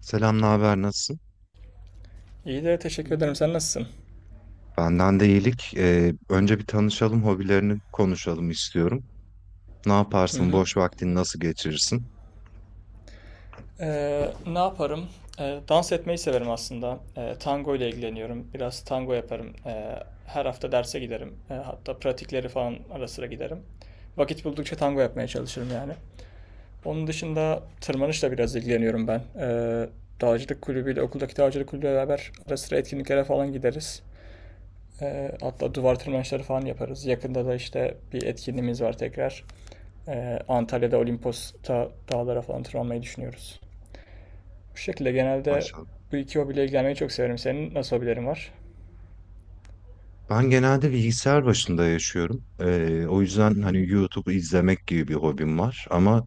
Selam, ne haber, nasılsın? İyi de teşekkür ederim. Sen nasılsın? Benden de iyilik. Önce bir tanışalım, hobilerini konuşalım istiyorum. Ne Hı yaparsın, hı. boş vaktini nasıl geçirirsin? Ne yaparım? Dans etmeyi severim aslında. Tango ile ilgileniyorum. Biraz tango yaparım. Her hafta derse giderim. Hatta pratikleri falan ara sıra giderim. Vakit buldukça tango yapmaya çalışırım yani. Onun dışında tırmanışla biraz ilgileniyorum ben. Dağcılık kulübüyle, okuldaki dağcılık kulübüyle beraber ara sıra etkinliklere falan gideriz. Hatta duvar tırmanışları falan yaparız. Yakında da işte bir etkinliğimiz var tekrar. Antalya'da Olimpos dağlara falan tırmanmayı düşünüyoruz. Bu şekilde genelde Maşallah. bu iki hobiyle ilgilenmeyi çok severim. Senin nasıl hobilerin var? Ben genelde bilgisayar başında yaşıyorum. O yüzden Hı hani hı. YouTube'u izlemek gibi bir hobim var. Ama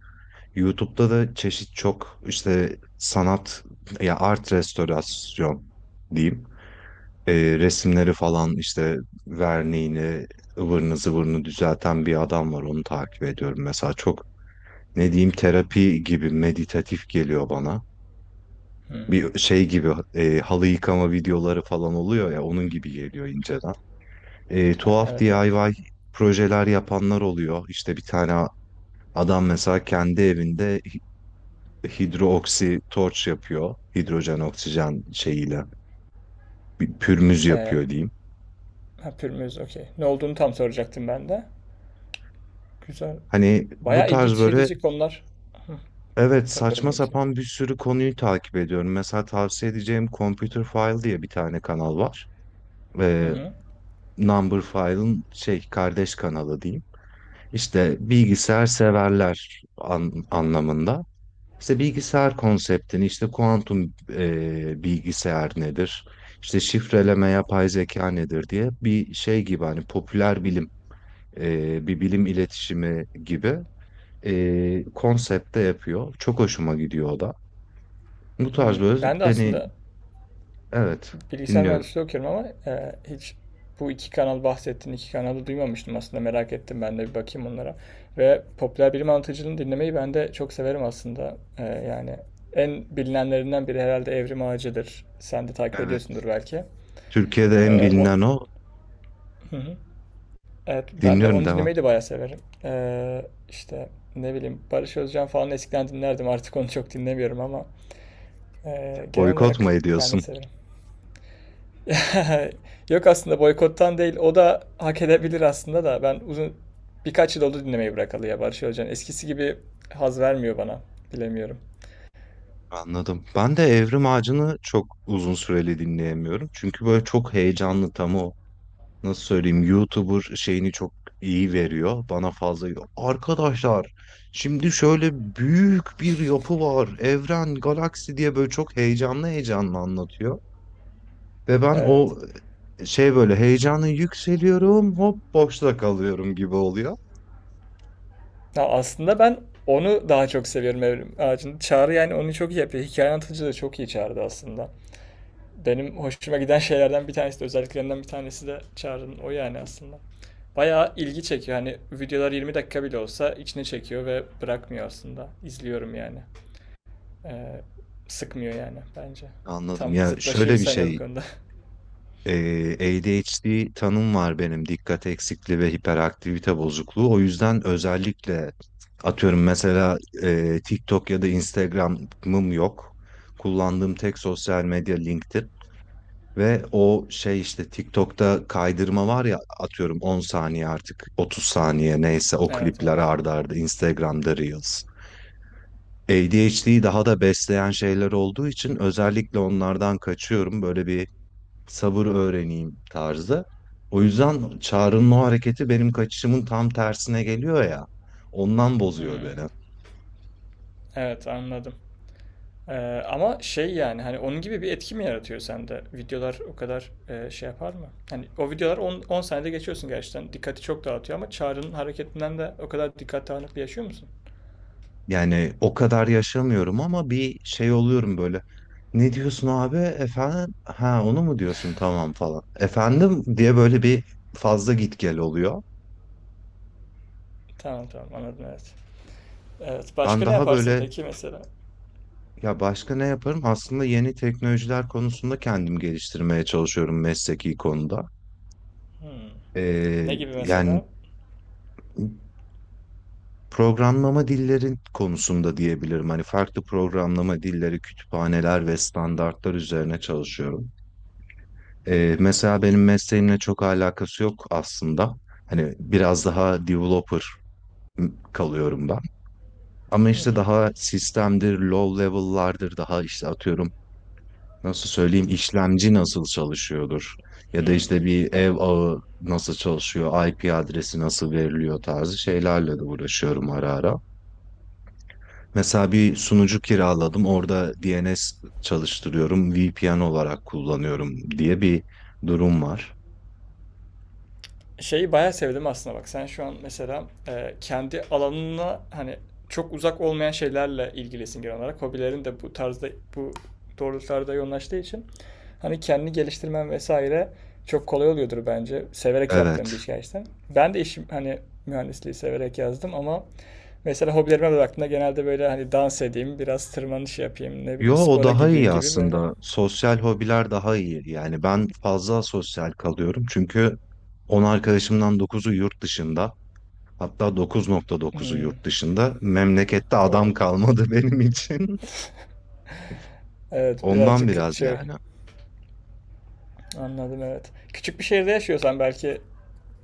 YouTube'da da çeşit çok işte sanat ya art restorasyon diyeyim. Ee, resimleri falan işte verniğini, ıvırını zıvırını düzelten bir adam var. Onu takip ediyorum mesela. Çok ne diyeyim, terapi gibi meditatif geliyor bana. Hmm. Bir şey gibi, halı yıkama videoları falan oluyor ya, onun gibi geliyor inceden. E, Ha, tuhaf evet evet. DIY projeler yapanlar oluyor. İşte bir tane adam mesela kendi evinde hidrooksi torç yapıyor. Hidrojen oksijen şeyiyle bir pürmüz Ee, yapıyor diyeyim. ha, pürmüz okey. Ne olduğunu tam soracaktım ben de. Güzel. Hani bu Bayağı ilgi tarz böyle, çekici konular. Hı, evet, tabii saçma bölmeyeyim seni. sapan bir sürü konuyu takip ediyorum. Mesela tavsiye edeceğim Computer File diye bir tane kanal var. Hı Ee, hı. Number File'ın şey kardeş kanalı diyeyim. İşte bilgisayar severler anlamında. İşte bilgisayar konseptini, işte kuantum bilgisayar nedir, işte şifreleme, yapay zeka nedir diye bir şey gibi, hani popüler bilim, bir bilim iletişimi gibi konsepte yapıyor. Çok hoşuma gidiyor o da. Bu tarz Hı. böyle Ben de hani, aslında evet, bilgisayar dinliyorum. mühendisliği okuyorum ama hiç bu iki kanal bahsettiğin iki kanalı duymamıştım aslında, merak ettim ben de bir bakayım onlara. Ve popüler bilim anlatıcılığını dinlemeyi ben de çok severim aslında. Yani en bilinenlerinden biri herhalde Evrim Ağacı'dır. Sen de takip Evet. ediyorsundur belki. Türkiye'de en E, o... bilinen o. Hı hı. Evet, ben de Dinliyorum, onu devam. dinlemeyi de bayağı severim. İşte ne bileyim Barış Özcan falan eskiden dinlerdim, artık onu çok dinlemiyorum ama genel Boykot mu olarak ben de ediyorsun? severim. Yok, aslında boykottan değil. O da hak edebilir aslında da. Ben uzun birkaç yıl oldu dinlemeyi bırakalı ya Barış Özcan. Eskisi gibi haz vermiyor bana. Bilemiyorum. Anladım. Ben de Evrim Ağacı'nı çok uzun süreli dinleyemiyorum. Çünkü böyle çok heyecanlı tam o, nasıl söyleyeyim, YouTuber şeyini çok iyi veriyor. Bana fazla, arkadaşlar, şimdi şöyle büyük bir yapı var. Evren, galaksi diye böyle çok heyecanlı heyecanlı anlatıyor. Ve ben Evet. o, şey, böyle heyecanla yükseliyorum, hop boşta kalıyorum gibi oluyor. Ya aslında ben onu daha çok seviyorum Evrim Ağacı'nın. Çağrı yani onu çok iyi yapıyor. Hikaye anlatıcı da çok iyi Çağrı'da aslında. Benim hoşuma giden şeylerden bir tanesi de, özelliklerinden bir tanesi de Çağrı'nın o yani aslında. Bayağı ilgi çekiyor. Hani videolar 20 dakika bile olsa içine çekiyor ve bırakmıyor aslında. İzliyorum yani. Ee, Sıkmıyor yani bence. Anladım. Tam Ya şöyle zıtlaşıyoruz bir seninle bu şey, konuda. eee, ADHD tanım var benim, dikkat eksikliği ve hiperaktivite bozukluğu. O yüzden özellikle atıyorum, mesela TikTok ya da Instagram'ım yok. Kullandığım tek sosyal medya LinkedIn. Ve o şey işte TikTok'ta kaydırma var ya, atıyorum 10 saniye, artık 30 saniye neyse, o Evet klipler evet. arda arda, Instagram'da Reels. ADHD'yi daha da besleyen şeyler olduğu için özellikle onlardan kaçıyorum. Böyle bir sabır öğreneyim tarzı. O yüzden Çağrı'nın o hareketi benim kaçışımın tam tersine geliyor ya. Ondan bozuyor Hmm. beni. Evet, anladım. Ama şey yani hani onun gibi bir etki mi yaratıyor sende? Videolar o kadar şey yapar mı? Hani o videolar 10 saniyede geçiyorsun gerçekten. Dikkati çok dağıtıyor ama Çağrı'nın hareketinden de o kadar dikkat dağınıklığı yaşıyor musun? Yani o kadar yaşamıyorum ama bir şey oluyorum böyle. Ne diyorsun abi? Efendim? Ha, onu mu diyorsun? Tamam falan. Efendim diye böyle bir fazla git gel oluyor. Tamam tamam, anladım, evet. Evet, Ben başka ne daha yaparsın böyle, peki mesela? ya başka ne yaparım? Aslında yeni teknolojiler konusunda kendim geliştirmeye çalışıyorum mesleki konuda. Hmm. Ne Ee, gibi yani mesela? programlama dillerin konusunda diyebilirim. Hani farklı programlama dilleri, kütüphaneler ve standartlar üzerine çalışıyorum. Mesela benim mesleğimle çok alakası yok aslında. Hani biraz daha developer kalıyorum ben. Ama Hı işte hı. daha sistemdir, low level'lardır, daha işte atıyorum nasıl söyleyeyim, işlemci nasıl çalışıyordur ya da Hmm. işte bir ev ağı nasıl çalışıyor, IP adresi nasıl veriliyor tarzı şeylerle de uğraşıyorum ara ara. Mesela bir sunucu kiraladım, orada DNS çalıştırıyorum, VPN olarak kullanıyorum diye bir durum var. Şeyi bayağı sevdim aslında, bak sen şu an mesela kendi alanına hani çok uzak olmayan şeylerle ilgilisin genel olarak. Hobilerin de bu tarzda, bu doğrultularda yoğunlaştığı için hani kendini geliştirmen vesaire çok kolay oluyordur bence. Severek Evet. yaptığım bir iş gerçekten. Ben de işim hani mühendisliği severek yazdım ama mesela hobilerime baktığımda genelde böyle hani dans edeyim, biraz tırmanış yapayım, ne Yo, bileyim o spora daha gideyim iyi gibi böyle. aslında. Sosyal hobiler daha iyi. Yani ben fazla sosyal kalıyorum çünkü 10 arkadaşımdan dokuzu yurt dışında. Hatta 9,9'u Hmm. yurt dışında. Memlekette adam O. kalmadı benim için. Evet, Ondan birazcık biraz şey. yani. Anladım, evet. Küçük bir şehirde yaşıyorsan belki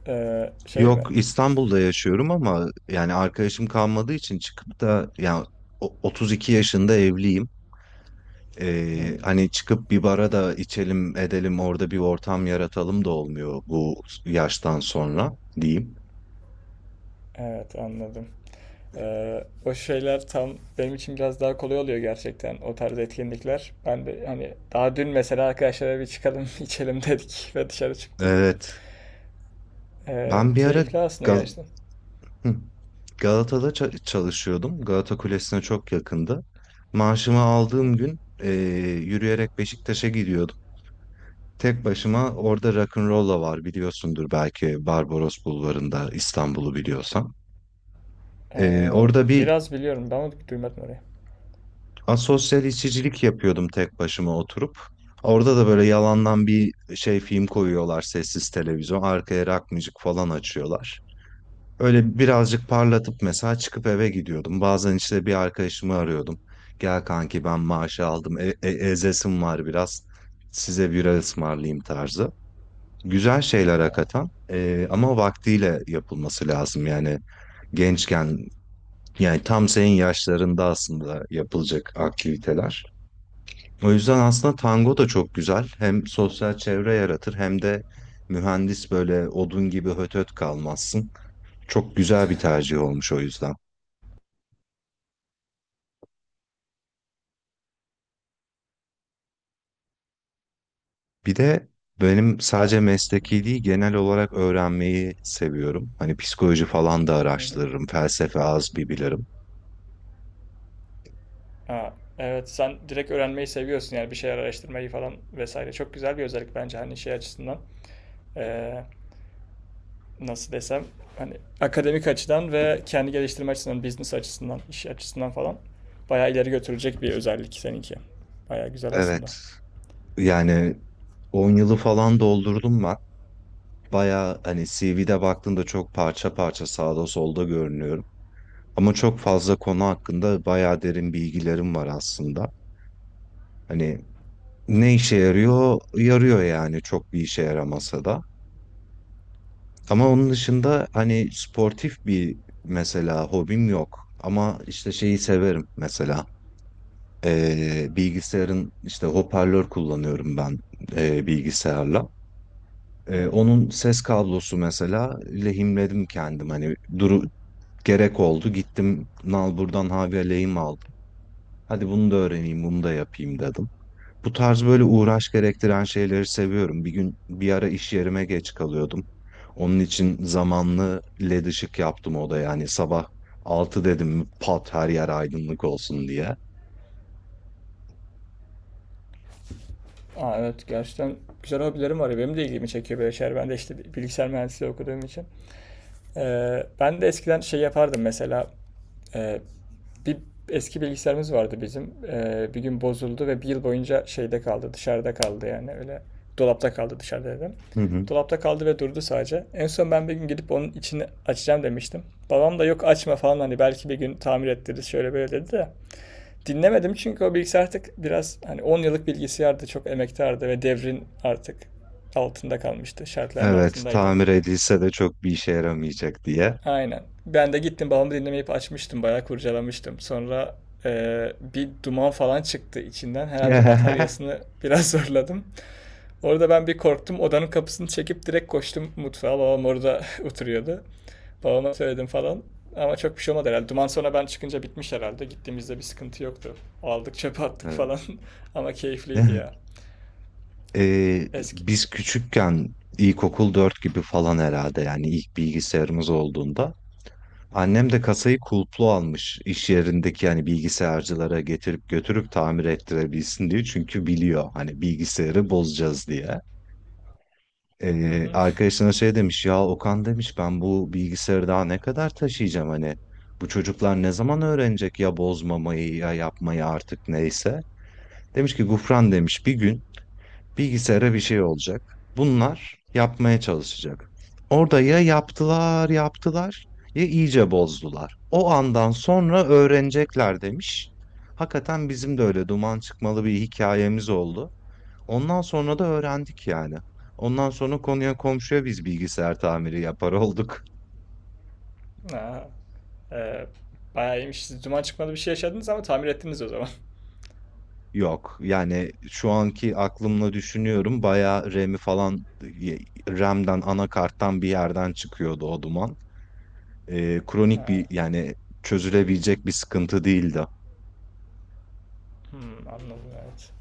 şey mi? Yok, İstanbul'da yaşıyorum ama yani arkadaşım kalmadığı için çıkıp da, yani 32 yaşında evliyim. Ee, Hmm, hani çıkıp bir bara da içelim edelim, orada bir ortam yaratalım da olmuyor bu yaştan sonra diyeyim. evet, anladım. O şeyler tam benim için biraz daha kolay oluyor gerçekten, o tarz etkinlikler. Ben de hani daha dün mesela arkadaşlara bir çıkalım içelim dedik ve dışarı çıktık. Evet. Ben bir ara Keyifli aslında Gal gerçekten. Hı. Galata'da çalışıyordum. Galata Kulesi'ne çok yakındı. Maaşımı aldığım Hmm. gün, yürüyerek Beşiktaş'a gidiyordum. Tek başıma orada Rock'n'Rolla var, biliyorsundur belki, Barbaros Bulvarı'nda, İstanbul'u biliyorsan. Eee, orada bir Biraz biliyorum ben, onu duymadım orayı. asosyal içicilik yapıyordum tek başıma oturup. Orada da böyle yalandan bir şey film koyuyorlar, sessiz televizyon. Arkaya rock müzik falan açıyorlar. Öyle birazcık parlatıp mesela çıkıp eve gidiyordum. Bazen işte bir arkadaşımı arıyordum. Gel kanki, ben maaşı aldım. Ezesim var biraz. Size bira ısmarlayayım tarzı. Güzel şeyler Ha. hakikaten. Ama vaktiyle yapılması lazım. Yani gençken, yani tam senin yaşlarında aslında yapılacak aktiviteler. O yüzden aslında tango da çok güzel. Hem sosyal çevre yaratır, hem de mühendis böyle odun gibi hötöt kalmazsın. Çok güzel bir tercih olmuş o yüzden. Bir de benim Ha, sadece mesleki değil, genel olarak öğrenmeyi seviyorum. Hani psikoloji falan da hı hı. araştırırım. Felsefe az bir bilirim. Ha, evet, sen direkt öğrenmeyi seviyorsun yani, bir şeyler araştırmayı falan vesaire. Çok güzel bir özellik bence hani şey açısından. eee, Nasıl desem, hani akademik açıdan ve kendi geliştirme açısından, business açısından, iş açısından falan bayağı ileri götürecek bir özellik seninki. Bayağı güzel aslında. Evet. Yani 10 yılı falan doldurdum ben. Baya hani CV'de baktığında çok parça parça, sağda solda görünüyorum. Ama çok fazla konu hakkında bayağı derin bilgilerim var aslında. Hani, ne işe yarıyor? Yarıyor yani, çok bir işe yaramasa da. Ama onun dışında hani sportif bir, mesela, hobim yok. Ama işte şeyi severim mesela. Bilgisayarın işte, hoparlör kullanıyorum ben bilgisayarla. Hı Ee, hı. onun ses kablosu mesela, lehimledim kendim. Hani duru, gerek oldu, gittim nalburdan havya lehim aldım. Hadi bunu da öğreneyim, bunu da yapayım dedim. Bu tarz böyle uğraş gerektiren şeyleri seviyorum. Bir gün bir ara iş yerime geç kalıyordum. Onun için zamanlı led ışık yaptım odaya. Yani sabah 6 dedim mi pat her yer aydınlık olsun diye. Aa, evet, gerçekten güzel hobilerim var ya. Benim de ilgimi çekiyor böyle şeyler. Ben de işte bilgisayar mühendisliği okuduğum için. Ben de eskiden şey yapardım mesela. Ee, Bir eski bilgisayarımız vardı bizim. Bir gün bozuldu ve bir yıl boyunca şeyde kaldı, dışarıda kaldı yani öyle. Dolapta kaldı, dışarıda dedim. Hı hı. Dolapta kaldı ve durdu sadece. En son ben bir gün gidip onun içini açacağım demiştim. Babam da yok açma falan, hani belki bir gün tamir ettiririz şöyle böyle dedi de. Dinlemedim çünkü o bilgisayar artık biraz hani 10 yıllık bilgisayardı, çok emektardı ve devrin artık altında kalmıştı, şartların Evet, altındaydı. tamir edilse de çok bir işe yaramayacak diye. Aynen. Ben de gittim babamı dinlemeyip açmıştım. Bayağı kurcalamıştım. Sonra bir duman falan çıktı içinden. Herhalde bataryasını biraz zorladım. Orada ben bir korktum. Odanın kapısını çekip direkt koştum mutfağa. Babam orada oturuyordu. Babama söyledim falan. Ama çok bir şey olmadı herhalde. Duman sonra ben çıkınca bitmiş herhalde. Gittiğimizde bir sıkıntı yoktu. Aldık, çöpe attık Evet. falan. Ama keyifliydi ya. Ee, Eski. biz küçükken, ilkokul 4 gibi falan herhalde, yani ilk bilgisayarımız olduğunda annem de kasayı kulplu almış iş yerindeki, yani bilgisayarcılara getirip götürüp tamir ettirebilsin diye, çünkü biliyor hani bilgisayarı bozacağız diye. Hı Ee, hı. arkadaşına şey demiş ya, Okan demiş, ben bu bilgisayarı daha ne kadar taşıyacağım, hani bu çocuklar ne zaman öğrenecek ya bozmamayı, ya yapmayı artık, neyse. Demiş ki Gufran, demiş, bir gün bilgisayara bir şey olacak. Bunlar yapmaya çalışacak. Orada ya yaptılar, yaptılar ya iyice bozdular. O andan sonra öğrenecekler demiş. Hakikaten bizim de öyle duman çıkmalı bir hikayemiz oldu. Ondan sonra da öğrendik yani. Ondan sonra konuya komşuya biz bilgisayar tamiri yapar olduk. Aa, eee, bayağı iyiymiş. Siz duman çıkmadı bir şey yaşadınız ama tamir ettiniz o zaman. Yok, yani şu anki aklımla düşünüyorum, bayağı RAM'i falan, RAM'den anakarttan bir yerden çıkıyordu o duman. Kronik bir, Ha. yani çözülebilecek bir sıkıntı değildi. Hmm, anladım, evet.